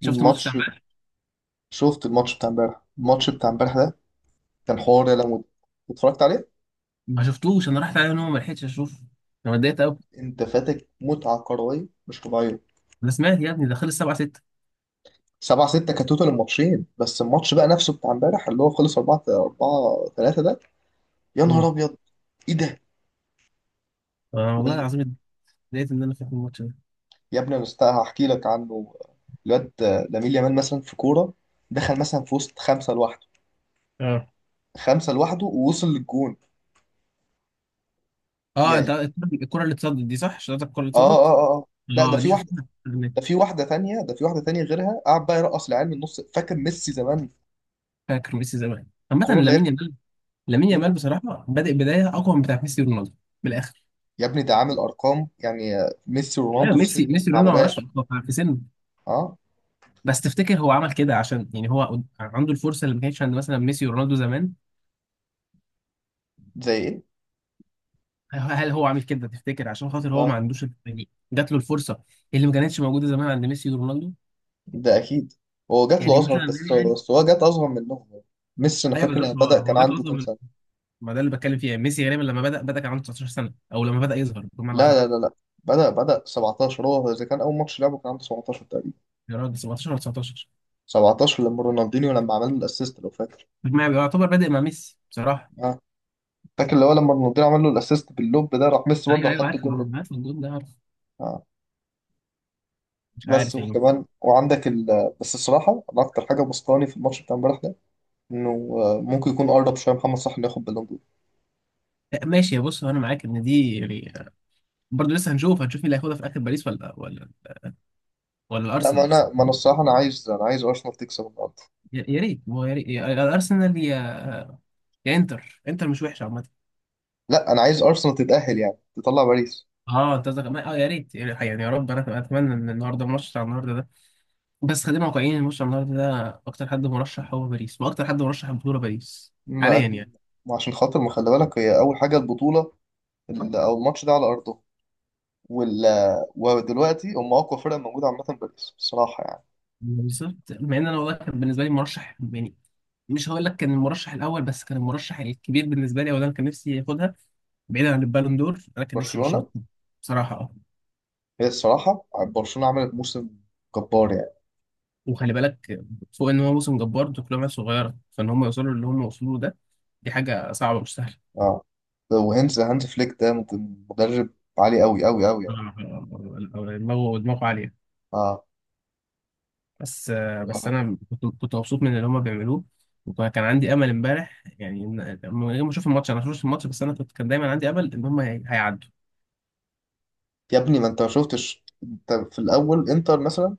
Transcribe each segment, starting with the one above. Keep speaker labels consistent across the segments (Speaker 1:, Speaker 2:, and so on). Speaker 1: شفت ماتش
Speaker 2: الماتش
Speaker 1: امبارح.
Speaker 2: شفت الماتش بتاع امبارح ده كان حوار يا لمود. اتفرجت عليه.
Speaker 1: ما شفتوش، انا رحت عليه نوم ما لحقتش اشوف. انا اتضايقت قوي.
Speaker 2: انت فاتك متعة كروية مش طبيعية.
Speaker 1: انا سمعت يا ابني ده خلص 7-6.
Speaker 2: 7 6 كتوتال الماتشين، بس الماتش بقى نفسه بتاع امبارح اللي هو خلص 4 4 3 ده. يا نهار ابيض! ايه ده؟
Speaker 1: آه والله
Speaker 2: وال-
Speaker 1: العظيم، اتضايقت ان انا فاتني الماتش ده.
Speaker 2: يا ابني، هحكي لك عنه الواد. لامين يامال مثلا في كورة دخل مثلا في وسط خمسة لوحده،
Speaker 1: اه
Speaker 2: خمسة لوحده ووصل للجون
Speaker 1: اه
Speaker 2: يعني.
Speaker 1: انت الكرة اللي اتصدت دي، صح؟ شفتك الكرة اللي
Speaker 2: اه، اه،
Speaker 1: اتصدت؟
Speaker 2: اه، آه. لا، ده
Speaker 1: اه
Speaker 2: في
Speaker 1: دي
Speaker 2: واحدة،
Speaker 1: شفتها على
Speaker 2: ده
Speaker 1: النت.
Speaker 2: في واحدة تانية، ده في واحدة تانية غيرها. قعد بقى يرقص العيال من النص، فاكر ميسي زمان.
Speaker 1: فاكر ميسي زمان. عامة
Speaker 2: الكوره اللي هي.
Speaker 1: لامين يامال، لامين
Speaker 2: مم.
Speaker 1: يامال بصراحة بادئ بداية اقوى من بتاع ميسي ورونالدو بالاخر.
Speaker 2: يا ابني ده عامل ارقام يعني، ميسي
Speaker 1: ايوه
Speaker 2: ورونالدو في
Speaker 1: ميسي،
Speaker 2: سنه ما
Speaker 1: رونالدو ما لهاش
Speaker 2: عملهاش.
Speaker 1: في سنه.
Speaker 2: اه.
Speaker 1: بس تفتكر هو عمل كده عشان يعني هو عنده الفرصة اللي ما كانتش عند مثلا ميسي ورونالدو زمان؟
Speaker 2: زي ايه؟
Speaker 1: هل هو عامل كده تفتكر عشان خاطر هو ما
Speaker 2: اه.
Speaker 1: عندوش الفكرة دي، جات له الفرصه؟ إيه اللي ما كانتش موجوده زمان عند ميسي ورونالدو؟
Speaker 2: ده اكيد. هو جات له
Speaker 1: يعني
Speaker 2: اصغر،
Speaker 1: مثلا يعني
Speaker 2: بس
Speaker 1: يعني
Speaker 2: بس هو جات اصغر منهم. ميسي انا
Speaker 1: ايوه
Speaker 2: فاكر
Speaker 1: بالظبط،
Speaker 2: لما
Speaker 1: هو
Speaker 2: بدأ كان
Speaker 1: هو جات له
Speaker 2: عنده
Speaker 1: اصغر
Speaker 2: كام
Speaker 1: من،
Speaker 2: سنه؟
Speaker 1: ما ده اللي بتكلم فيه يعني. ميسي غالبا لما بدا كان عنده 19 سنه، او لما بدا يظهر بمعنى،
Speaker 2: لا، لا،
Speaker 1: صح؟
Speaker 2: لا، لا. بدأ 17. هو اذا كان اول ماتش لعبه كان عنده 17 تقريبا.
Speaker 1: يا راجل، 17 ولا 19؟
Speaker 2: 17 لما رونالدينيو لما عمل له الاسيست لو فاكر.
Speaker 1: ما يعتبر بادئ مع ميسي بصراحه.
Speaker 2: اه. فاكر اللي هو لما رونالدينيو عمل له الاسيست باللوب ده، راح ميسي
Speaker 1: ايوه
Speaker 2: برضه
Speaker 1: ايوه
Speaker 2: حط
Speaker 1: عارف،
Speaker 2: الجول لوب.
Speaker 1: عارف الجول ده، عارف.
Speaker 2: اه.
Speaker 1: مش
Speaker 2: بس
Speaker 1: عارف يعني.
Speaker 2: وكمان وعندك ال... بس الصراحه انا اكتر حاجه بسطاني في الماتش بتاع امبارح ده، انه ممكن يكون اقرب شويه محمد صلاح انه ياخد بالون دور.
Speaker 1: لا، ماشي بص انا معاك ان دي يعني برضه لسه. هنشوف، مين اللي هياخدها في اخر باريس ولا ولا
Speaker 2: لا. ما
Speaker 1: الارسنال.
Speaker 2: انا ما انا الصراحه انا عايز ارسنال تكسب النهارده.
Speaker 1: يا، يا ريت هو يا ريت يا-، يا الارسنال يا يا انتر. انتر مش وحش عامه.
Speaker 2: لا، انا عايز ارسنال تتاهل، يعني تطلع باريس.
Speaker 1: اه انت قصدك ما-، اه يا ريت، يعني يا رب، انا اتمنى ان النهارده الماتش بتاع النهارده ده. بس خلينا واقعيين، الماتش بتاع النهارده ده اكتر حد مرشح هو باريس، واكتر حد مرشح البطوله باريس
Speaker 2: ما
Speaker 1: حاليا
Speaker 2: في
Speaker 1: يعني.
Speaker 2: ما عشان خاطر ما خلي بالك، هي اول حاجه البطوله. او الماتش ده على ارضه، وال ودلوقتي هم اقوى فرقه موجوده عامه باريس الصراحه يعني.
Speaker 1: بالظبط، مع ان انا والله كان بالنسبه لي مرشح يعني، مش هقول لك كان المرشح الاول بس كان المرشح الكبير بالنسبه لي، او ده انا كان نفسي ياخدها بعيدا عن البالون دور. انا كان نفسي برشلونه
Speaker 2: برشلونه.
Speaker 1: تكون، بصراحه، اه.
Speaker 2: هي الصراحه برشلونه عملت موسم جبار يعني.
Speaker 1: وخلي بالك، فوق ان هو موسم جبار، دول كلهم عيال صغيره، فان هم يوصلوا اللي هم وصلوه ده دي حاجه صعبه مش سهله.
Speaker 2: اه. وهانز فليك ده مدرب عالي، قوي قوي قوي يعني.
Speaker 1: آه، دماغه عاليه.
Speaker 2: اه.
Speaker 1: بس بس انا كنت مبسوط من اللي هما بيعملوه، وكان عندي امل امبارح يعني إن-، لما يوم ما اشوف الماتش انا ما شفتش الماتش، بس انا كنت كان دايما عندي امل ان هم هي- هيعدوا.
Speaker 2: يا ابني ما انت ما شفتش؟ انت في الاول انتر مثلا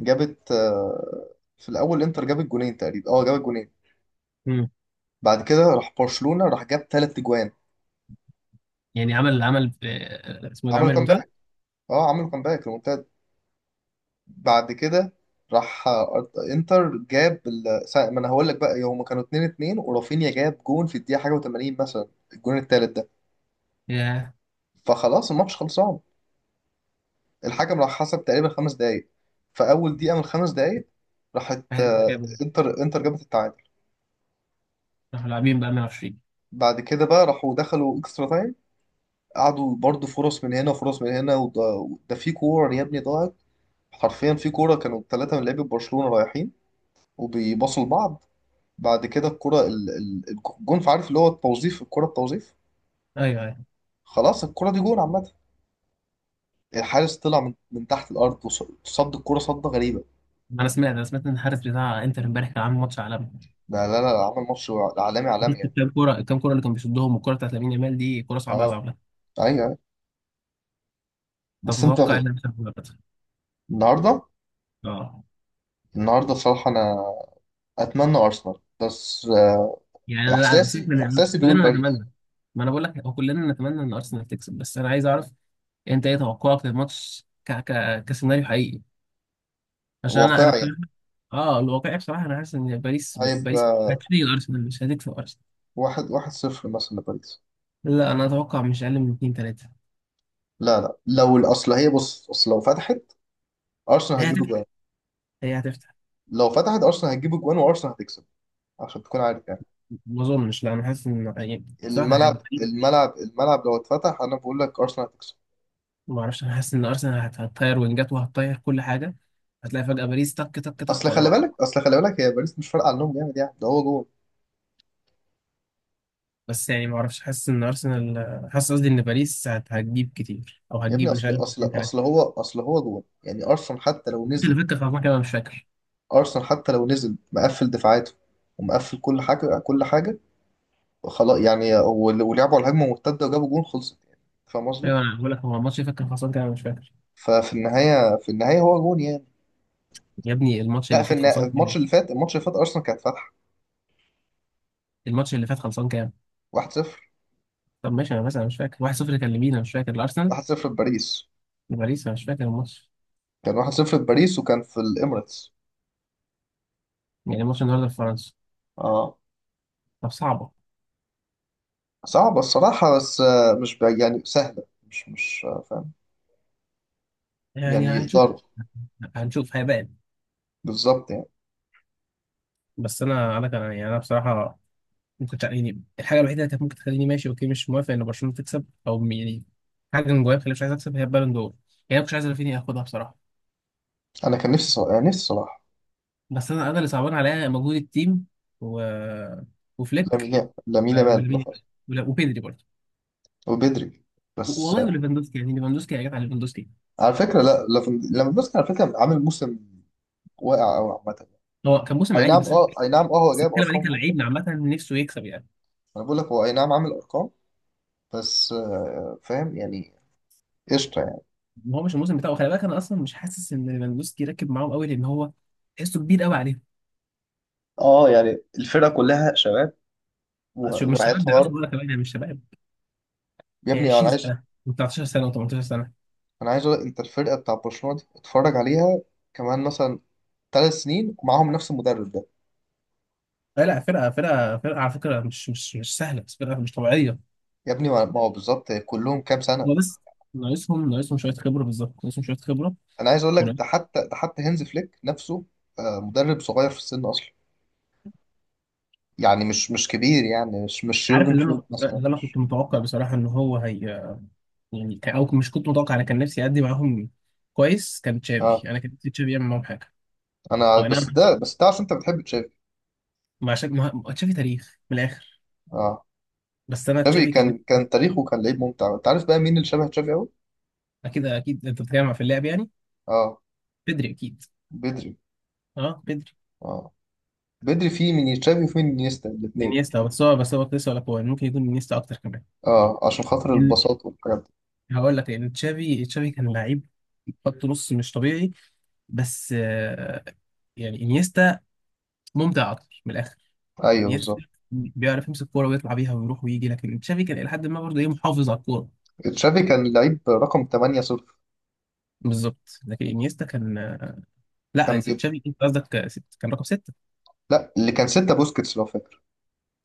Speaker 2: جابت آه، في الاول انتر جابت جونين تقريبا. اه، جابت جونين.
Speaker 1: مم.
Speaker 2: بعد كده راح برشلونة، راح جاب ثلاث اجوان.
Speaker 1: يعني عمل، اسمه إيه ده،
Speaker 2: عملوا
Speaker 1: عمل المنتدى.
Speaker 2: كامباك. اه، عملوا كامباك ريمونتاد. بعد كده راح انتر جاب ما انا هقول لك بقى، هما كانوا 2 2 ورافينيا جاب جون في الدقيقة حاجة و80 مثلا، الجون الثالث ده.
Speaker 1: يا،
Speaker 2: فخلاص الماتش خلصان. الحكم راح حسب تقريبا 5 دقايق. في اول دقيقة من ال 5 دقايق راحت،
Speaker 1: واحد جابوا،
Speaker 2: انتر جابت التعادل.
Speaker 1: راحوا لاعبين بقى 120.
Speaker 2: بعد كده بقى راحوا دخلوا اكسترا تايم، قعدوا برضو فرص من هنا وفرص من هنا. ده في كورة يا ابني ضاعت حرفيا، في كورة كانوا ثلاثة من لعيبة برشلونة رايحين وبيباصوا لبعض. بعد كده الكورة الجون، عارف اللي هو التوظيف، الكورة التوظيف.
Speaker 1: ايوه،
Speaker 2: خلاص الكورة دي جون عامة. الحارس طلع من تحت الأرض صد الكورة صدة غريبة.
Speaker 1: انا سمعت ان الحارس بتاع انتر امبارح كان عامل ماتش عالمي.
Speaker 2: لا، لا، لا، عمل ماتش عالمي، عالمي
Speaker 1: شفت
Speaker 2: يعني.
Speaker 1: الكام كوره، الكام كوره اللي كان بيصدهم؟ والكوره بتاعت لامين يامال دي كوره صعبه قوي
Speaker 2: اه.
Speaker 1: عامه.
Speaker 2: ايوه، أيوة.
Speaker 1: طب
Speaker 2: بس انت.
Speaker 1: تتوقع ايه اللي هيحصل في المباراة؟
Speaker 2: النهارده.
Speaker 1: اه،
Speaker 2: النهارده بصراحة انا اتمنى ارسنال. بس
Speaker 1: يعني انا لا، سيبك،
Speaker 2: احساسي
Speaker 1: من
Speaker 2: احساسي بيقول
Speaker 1: كلنا
Speaker 2: باريس.
Speaker 1: نتمنى. ما انا بقول لك هو كلنا نتمنى ان ارسنال تكسب، بس انا عايز اعرف انت ايه توقعك للماتش، ك... ك... كسيناريو حقيقي. عشان انا
Speaker 2: واقعي.
Speaker 1: بصراحه، اه الواقعي بصراحه انا حاسس ان باريس ب- باريس
Speaker 2: هيبقى
Speaker 1: هتفرق، ارسنال مش هتكسب ارسنال.
Speaker 2: واحد صفر مثلا لباريس.
Speaker 1: لا انا اتوقع مش اقل من 2-3.
Speaker 2: لا، لا، لو الأصل، هي بص أصل أرسنال
Speaker 1: هي
Speaker 2: هتجيب
Speaker 1: هتفتح
Speaker 2: أجوان
Speaker 1: هي هتفتح.
Speaker 2: لو فتحت أرسنال هتجيب أجوان وأرسنال هتكسب، عشان تكون عارف يعني.
Speaker 1: ما اظنش، لا انا حاسس ان يعني بصراحه حاجه
Speaker 2: الملعب
Speaker 1: باريس.
Speaker 2: الملعب الملعب لو اتفتح أنا بقول لك أرسنال هتكسب.
Speaker 1: ما اعرفش، انا حاسس ان ارسنال هت- هتطير، وينجات، وهتطير كل حاجه، هتلاقي فجاه باريس تك تك تك
Speaker 2: أصل
Speaker 1: ورا
Speaker 2: خلي
Speaker 1: بعض.
Speaker 2: بالك أصل خلي بالك هي باريس مش فارقة عنهم جامد يعني، ده هو جون.
Speaker 1: بس يعني ما اعرفش، حاسس ان ارسنال، حاسس قصدي ان باريس هت- هتجيب كتير، او
Speaker 2: يا ابني
Speaker 1: هتجيب مش
Speaker 2: أصل
Speaker 1: عارف
Speaker 2: أصل
Speaker 1: اتنين
Speaker 2: أصل
Speaker 1: تلاته.
Speaker 2: هو أصل هو جون يعني.
Speaker 1: الماتش اللي فات كان خلصان كده، انا مش فاكر.
Speaker 2: أرسنال حتى لو نزل مقفل دفاعاته ومقفل كل حاجة، كل حاجة. خلاص يعني، ولعبوا على الهجمه مرتده وجابوا جون، خلصت يعني. فاهم قصدي؟
Speaker 1: ايوه انا بقول لك هو الماتش اللي فات كان خلصان كده انا مش فاكر.
Speaker 2: ففي النهايه هو جون يعني.
Speaker 1: يا ابني الماتش
Speaker 2: لا،
Speaker 1: اللي فات خلصان كام؟
Speaker 2: الماتش اللي فات ارسنال كانت فاتحه.
Speaker 1: الماتش اللي فات خلصان كام؟
Speaker 2: 1-0
Speaker 1: طب ماشي، انا بس انا مش فاكر 1-0 كان لمين، انا مش فاكر، الارسنال؟
Speaker 2: 1-0 بباريس.
Speaker 1: لباريس، انا مش فاكر الماتش.
Speaker 2: كان 1-0 بباريس وكان في الاميريتس.
Speaker 1: يعني الماتش النهارده في فرنسا.
Speaker 2: اه.
Speaker 1: طب صعبه.
Speaker 2: صعبه الصراحه، بس مش يعني سهله، مش فاهم
Speaker 1: يعني
Speaker 2: يعني،
Speaker 1: هنشوف.
Speaker 2: يقدروا
Speaker 1: هنشوف هيبان.
Speaker 2: بالظبط يعني.
Speaker 1: بس انا كان يعني انا بصراحه ممكن تع-، يعني الحاجه الوحيده اللي كانت ممكن تخليني ماشي اوكي مش موافق ان برشلونه تكسب، او م- يعني حاجه من جوايا مخليني مش عايز اكسب، هي البالون دور. يعني انا مش عايز رافينيا ياخدها بصراحه.
Speaker 2: انا كان نفسي صلاح، يعني نفسي صلاح.
Speaker 1: بس انا اللي صعبان عليا مجهود التيم، و... وفليك
Speaker 2: لامين يامال
Speaker 1: ولمين،
Speaker 2: بالأخص.
Speaker 1: وبيدري برضه،
Speaker 2: وبدري.
Speaker 1: و-
Speaker 2: بس
Speaker 1: والله وليفاندوسكي، يعني ليفاندوسكي يا جدع ليفاندوسكي.
Speaker 2: على فكره لا، ليفاندوفسكي على فكره عامل موسم واقع قوي عامه.
Speaker 1: هو كان موسم
Speaker 2: اي
Speaker 1: عادي
Speaker 2: نعم،
Speaker 1: بس انا،
Speaker 2: اه، اي نعم، اه، هو
Speaker 1: بس
Speaker 2: جايب
Speaker 1: بتكلم عليه
Speaker 2: ارقام جامده.
Speaker 1: كلاعب عامه نفسه يكسب يعني.
Speaker 2: انا بقول لك هو اي نعم عامل ارقام، بس فاهم يعني، قشطه يعني.
Speaker 1: ما هو مش الموسم بتاعه، خلي بالك، انا اصلا مش حاسس ان ليفاندوسكي راكب معاهم قوي لان هو تحسه كبير قوي عليهم.
Speaker 2: اه. يعني الفرقه كلها شباب
Speaker 1: شوف مش
Speaker 2: وقعت
Speaker 1: شباب ده، عايز
Speaker 2: حوار.
Speaker 1: اقول لك كمان يعني مش شباب.
Speaker 2: يا
Speaker 1: يعني
Speaker 2: ابني انا عايز،
Speaker 1: 20 سنه و19 سنه و18 سنه.
Speaker 2: أقول لك، انت الفرقه بتاع برشلونه دي اتفرج عليها كمان مثلا 3 سنين ومعاهم نفس المدرب ده.
Speaker 1: لا لا، فرقة، فرقة على فكرة مش مش سهلة، بس فرقة مش طبيعية.
Speaker 2: يا ابني ما هو بالظبط كلهم كام سنه.
Speaker 1: هو بس ناقصهم شوية خبرة، بالظبط ناقصهم شوية خبرة،
Speaker 2: انا عايز اقول لك ده
Speaker 1: وناقص-.
Speaker 2: حتى ده حتى هانز فليك نفسه مدرب صغير في السن اصلا. يعني مش كبير، يعني مش
Speaker 1: عارف
Speaker 2: يورجن
Speaker 1: اللي
Speaker 2: كلوب
Speaker 1: أنا،
Speaker 2: مثلا.
Speaker 1: اللي أنا كنت متوقع بصراحة إن هو هي يعني ك-، أو مش كنت متوقع، أنا كان نفسي أدي معاهم كويس، كان
Speaker 2: اه.
Speaker 1: تشافي، أنا كان نفسي تشافي يعمل معاهم حاجة.
Speaker 2: انا
Speaker 1: هو
Speaker 2: بس
Speaker 1: أنا،
Speaker 2: ده بس ده عشان انت بتحب تشافي.
Speaker 1: ما عشان ما ما-، تشافي تاريخ من الآخر.
Speaker 2: اه.
Speaker 1: بس أنا
Speaker 2: تشافي
Speaker 1: تشافي كان
Speaker 2: كان
Speaker 1: نفسي.
Speaker 2: كان تاريخه، كان لعيب ممتع. انت عارف بقى مين اللي شبه تشافي قوي؟
Speaker 1: أكيد أكيد، أنت بتتكلم في اللعب يعني.
Speaker 2: اه،
Speaker 1: بدري أكيد.
Speaker 2: بدري.
Speaker 1: أه بدري.
Speaker 2: اه، بدري فيه من تشافي وفيه من نيستا الاثنين.
Speaker 1: انيستا، بس هو بس هو كنت لسه، ولا هو ممكن يكون انيستا أكتر كمان.
Speaker 2: اه، عشان خاطر البساطة والحاجات دي.
Speaker 1: هقول لك، لان تشافي كان لعيب خط نص مش طبيعي. بس آه، يعني انيستا ممتع اكتر من الاخر.
Speaker 2: ايوه
Speaker 1: انيستا
Speaker 2: بالظبط.
Speaker 1: بيعرف يمسك كوره ويطلع بيها ويروح ويجي، لكن تشافي كان الى حد ما برضه ايه، محافظ على الكوره.
Speaker 2: تشافي كان لعيب رقم 8 صفر.
Speaker 1: بالظبط، لكن انيستا كان، لا يا
Speaker 2: كان
Speaker 1: سيد
Speaker 2: بيب...
Speaker 1: تشافي، انت قصدك ست، كان رقم سته.
Speaker 2: لا، اللي كان 6 بوسكيتس لو فاكر.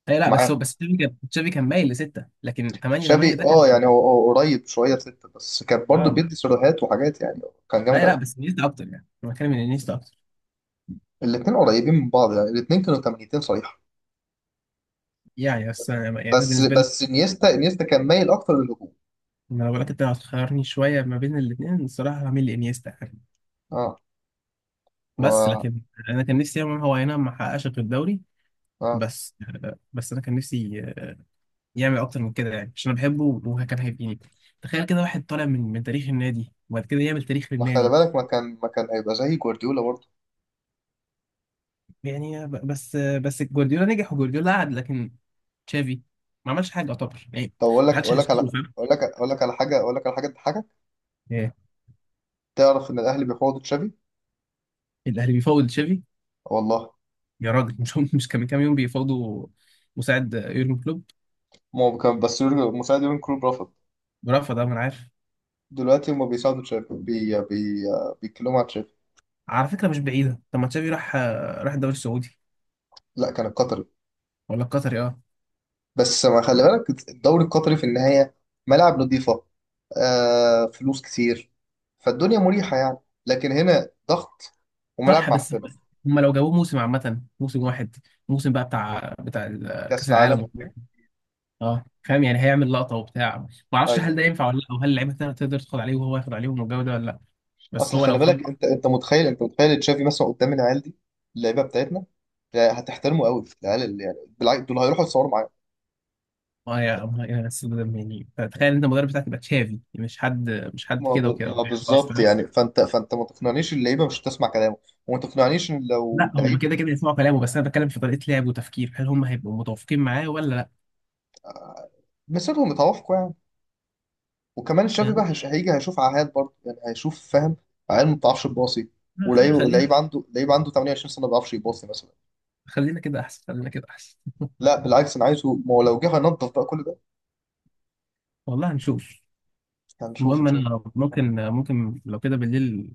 Speaker 1: اي لا، بس
Speaker 2: معاه
Speaker 1: هو بس تشافي كان تشافي كان مايل لسته، لكن 8 8
Speaker 2: تشافي
Speaker 1: ده كان،
Speaker 2: اه، يعني هو قريب شويه 6، بس كان برضه
Speaker 1: اه
Speaker 2: بيدي
Speaker 1: ماشي.
Speaker 2: سيروهات وحاجات يعني. كان جامد
Speaker 1: اي لا
Speaker 2: قوي.
Speaker 1: بس انيستا اكتر، يعني انا بتكلم ان انيستا اكتر
Speaker 2: الاثنين قريبين من بعض يعني. الاثنين كانوا 80 صريحه.
Speaker 1: يعني. بس أنا-،
Speaker 2: بس
Speaker 1: يعني أنا
Speaker 2: بس
Speaker 1: بالنسبه لي،
Speaker 2: بس انيستا كان مايل اكتر للهجوم.
Speaker 1: ما انا بقولك انت لو هتخيرني شويه ما بين الاثنين، الصراحه هعمل لي انيستا يعني.
Speaker 2: اه.
Speaker 1: بس
Speaker 2: و...
Speaker 1: لكن انا كان نفسي يعمل، هو اي نعم ما حققش غير الدوري.
Speaker 2: اه،
Speaker 1: بس بس انا كان نفسي يعمل اكتر من كده يعني، عشان انا بحبه وكان هيبقيني، تخيل كده واحد طالع من تاريخ النادي وبعد كده يعمل تاريخ
Speaker 2: ما خلي
Speaker 1: للنادي.
Speaker 2: بالك ما كان هيبقى زي جوارديولا برضه.
Speaker 1: يعني ب-، بس جوارديولا نجح وجوارديولا قعد، لكن تشافي ما عملش حاجه يعتبر يعني.
Speaker 2: طب اقول لك
Speaker 1: ما حدش
Speaker 2: اقول لك على
Speaker 1: هيذكره، فاهم.
Speaker 2: اقول لك اقول لك على حاجه اقول لك على حاجه تضحكك.
Speaker 1: إيه،
Speaker 2: تعرف ان الاهلي بيفاوضوا تشافي؟
Speaker 1: الاهلي بيفاوض تشافي؟
Speaker 2: والله.
Speaker 1: يا راجل، مش هم مش كان من كام يوم بيفاوضوا مساعد يورجن كلوب
Speaker 2: ما هو كان مساعد يورجن كلوب رفض.
Speaker 1: ورفض؟ ده ما انا عارف.
Speaker 2: دلوقتي هما بيساعدوا تشافي. بي بي بيتكلموا على تشافي.
Speaker 1: على فكرة مش بعيدة، طب ما تشافي راح، راح الدوري السعودي
Speaker 2: لا، كان القطري.
Speaker 1: ولا القطري؟ اه
Speaker 2: بس ما خلي بالك الدوري القطري في النهايه، ملاعب نظيفه، آه، فلوس كتير، فالدنيا مريحه يعني. لكن هنا ضغط وملاعب
Speaker 1: صح. بس
Speaker 2: معفنه.
Speaker 1: هم لو جابوه موسم، عامة موسم واحد، موسم بقى بتاع بتاع ال-
Speaker 2: كاس
Speaker 1: كأس
Speaker 2: العالم
Speaker 1: العالم،
Speaker 2: وبتاع.
Speaker 1: اه فاهم يعني هيعمل لقطة وبتاع. ما اعرفش هل
Speaker 2: ايوه.
Speaker 1: ده ينفع ولا لا، او هل اللعيبة التانية تقدر تاخد عليه وهو ياخد عليهم والجو ده ولا لا. بس
Speaker 2: اصل
Speaker 1: هو
Speaker 2: خلي
Speaker 1: لو خد
Speaker 2: بالك، انت
Speaker 1: لقطة.
Speaker 2: انت متخيل، انت متخيل تشافي مثلا قدام العيال دي، اللعيبه بتاعتنا. لا، هتحترمه قوي العيال، اللي يعني بالعكس دول هيروحوا يتصوروا معاه.
Speaker 1: آه يا، آه يا أستاذ، ده يعني تخيل انت المدرب بتاعك يبقى تشافي، مش حد، مش حد
Speaker 2: ما ب-
Speaker 1: كده وكده
Speaker 2: ما
Speaker 1: يعني، خلاص
Speaker 2: بالظبط
Speaker 1: فاهم.
Speaker 2: يعني. فانت ما تقنعنيش اللعيبه مش هتسمع كلامه، وما تقنعنيش ان لو
Speaker 1: لا هم
Speaker 2: اللعيب
Speaker 1: كده كده يسمعوا كلامه، بس انا بتكلم في طريقة لعب وتفكير، هل هم هيبقوا متوافقين معاه ولا لا؟
Speaker 2: مسيرهم متوافقه يعني. وكمان الشافي
Speaker 1: يعني
Speaker 2: بقى هيجي هيشوف عهاد برضه، يعني هيشوف فاهم. عيال ما بتعرفش تباصي، ولعيب
Speaker 1: خلينا
Speaker 2: لعيب عنده لعيب عنده 28 سنه ما بيعرفش يباصي مثلا.
Speaker 1: خلينا كده احسن، خلينا كده احسن.
Speaker 2: لا بالعكس، انا عايزه. ما هو لو جه هينضف بقى كل ده.
Speaker 1: والله هنشوف.
Speaker 2: هنشوف ان
Speaker 1: المهم
Speaker 2: شاء الله.
Speaker 1: انا ممكن، لو كده بالليل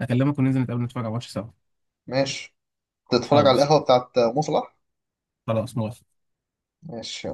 Speaker 1: اكلمك، وننزل نتقابل نتفرج على ماتش سوا.
Speaker 2: ماشي. تتفرج على
Speaker 1: خلاص.
Speaker 2: القهوه بتاعت مصلح.
Speaker 1: خلاص موافق.
Speaker 2: ماشي.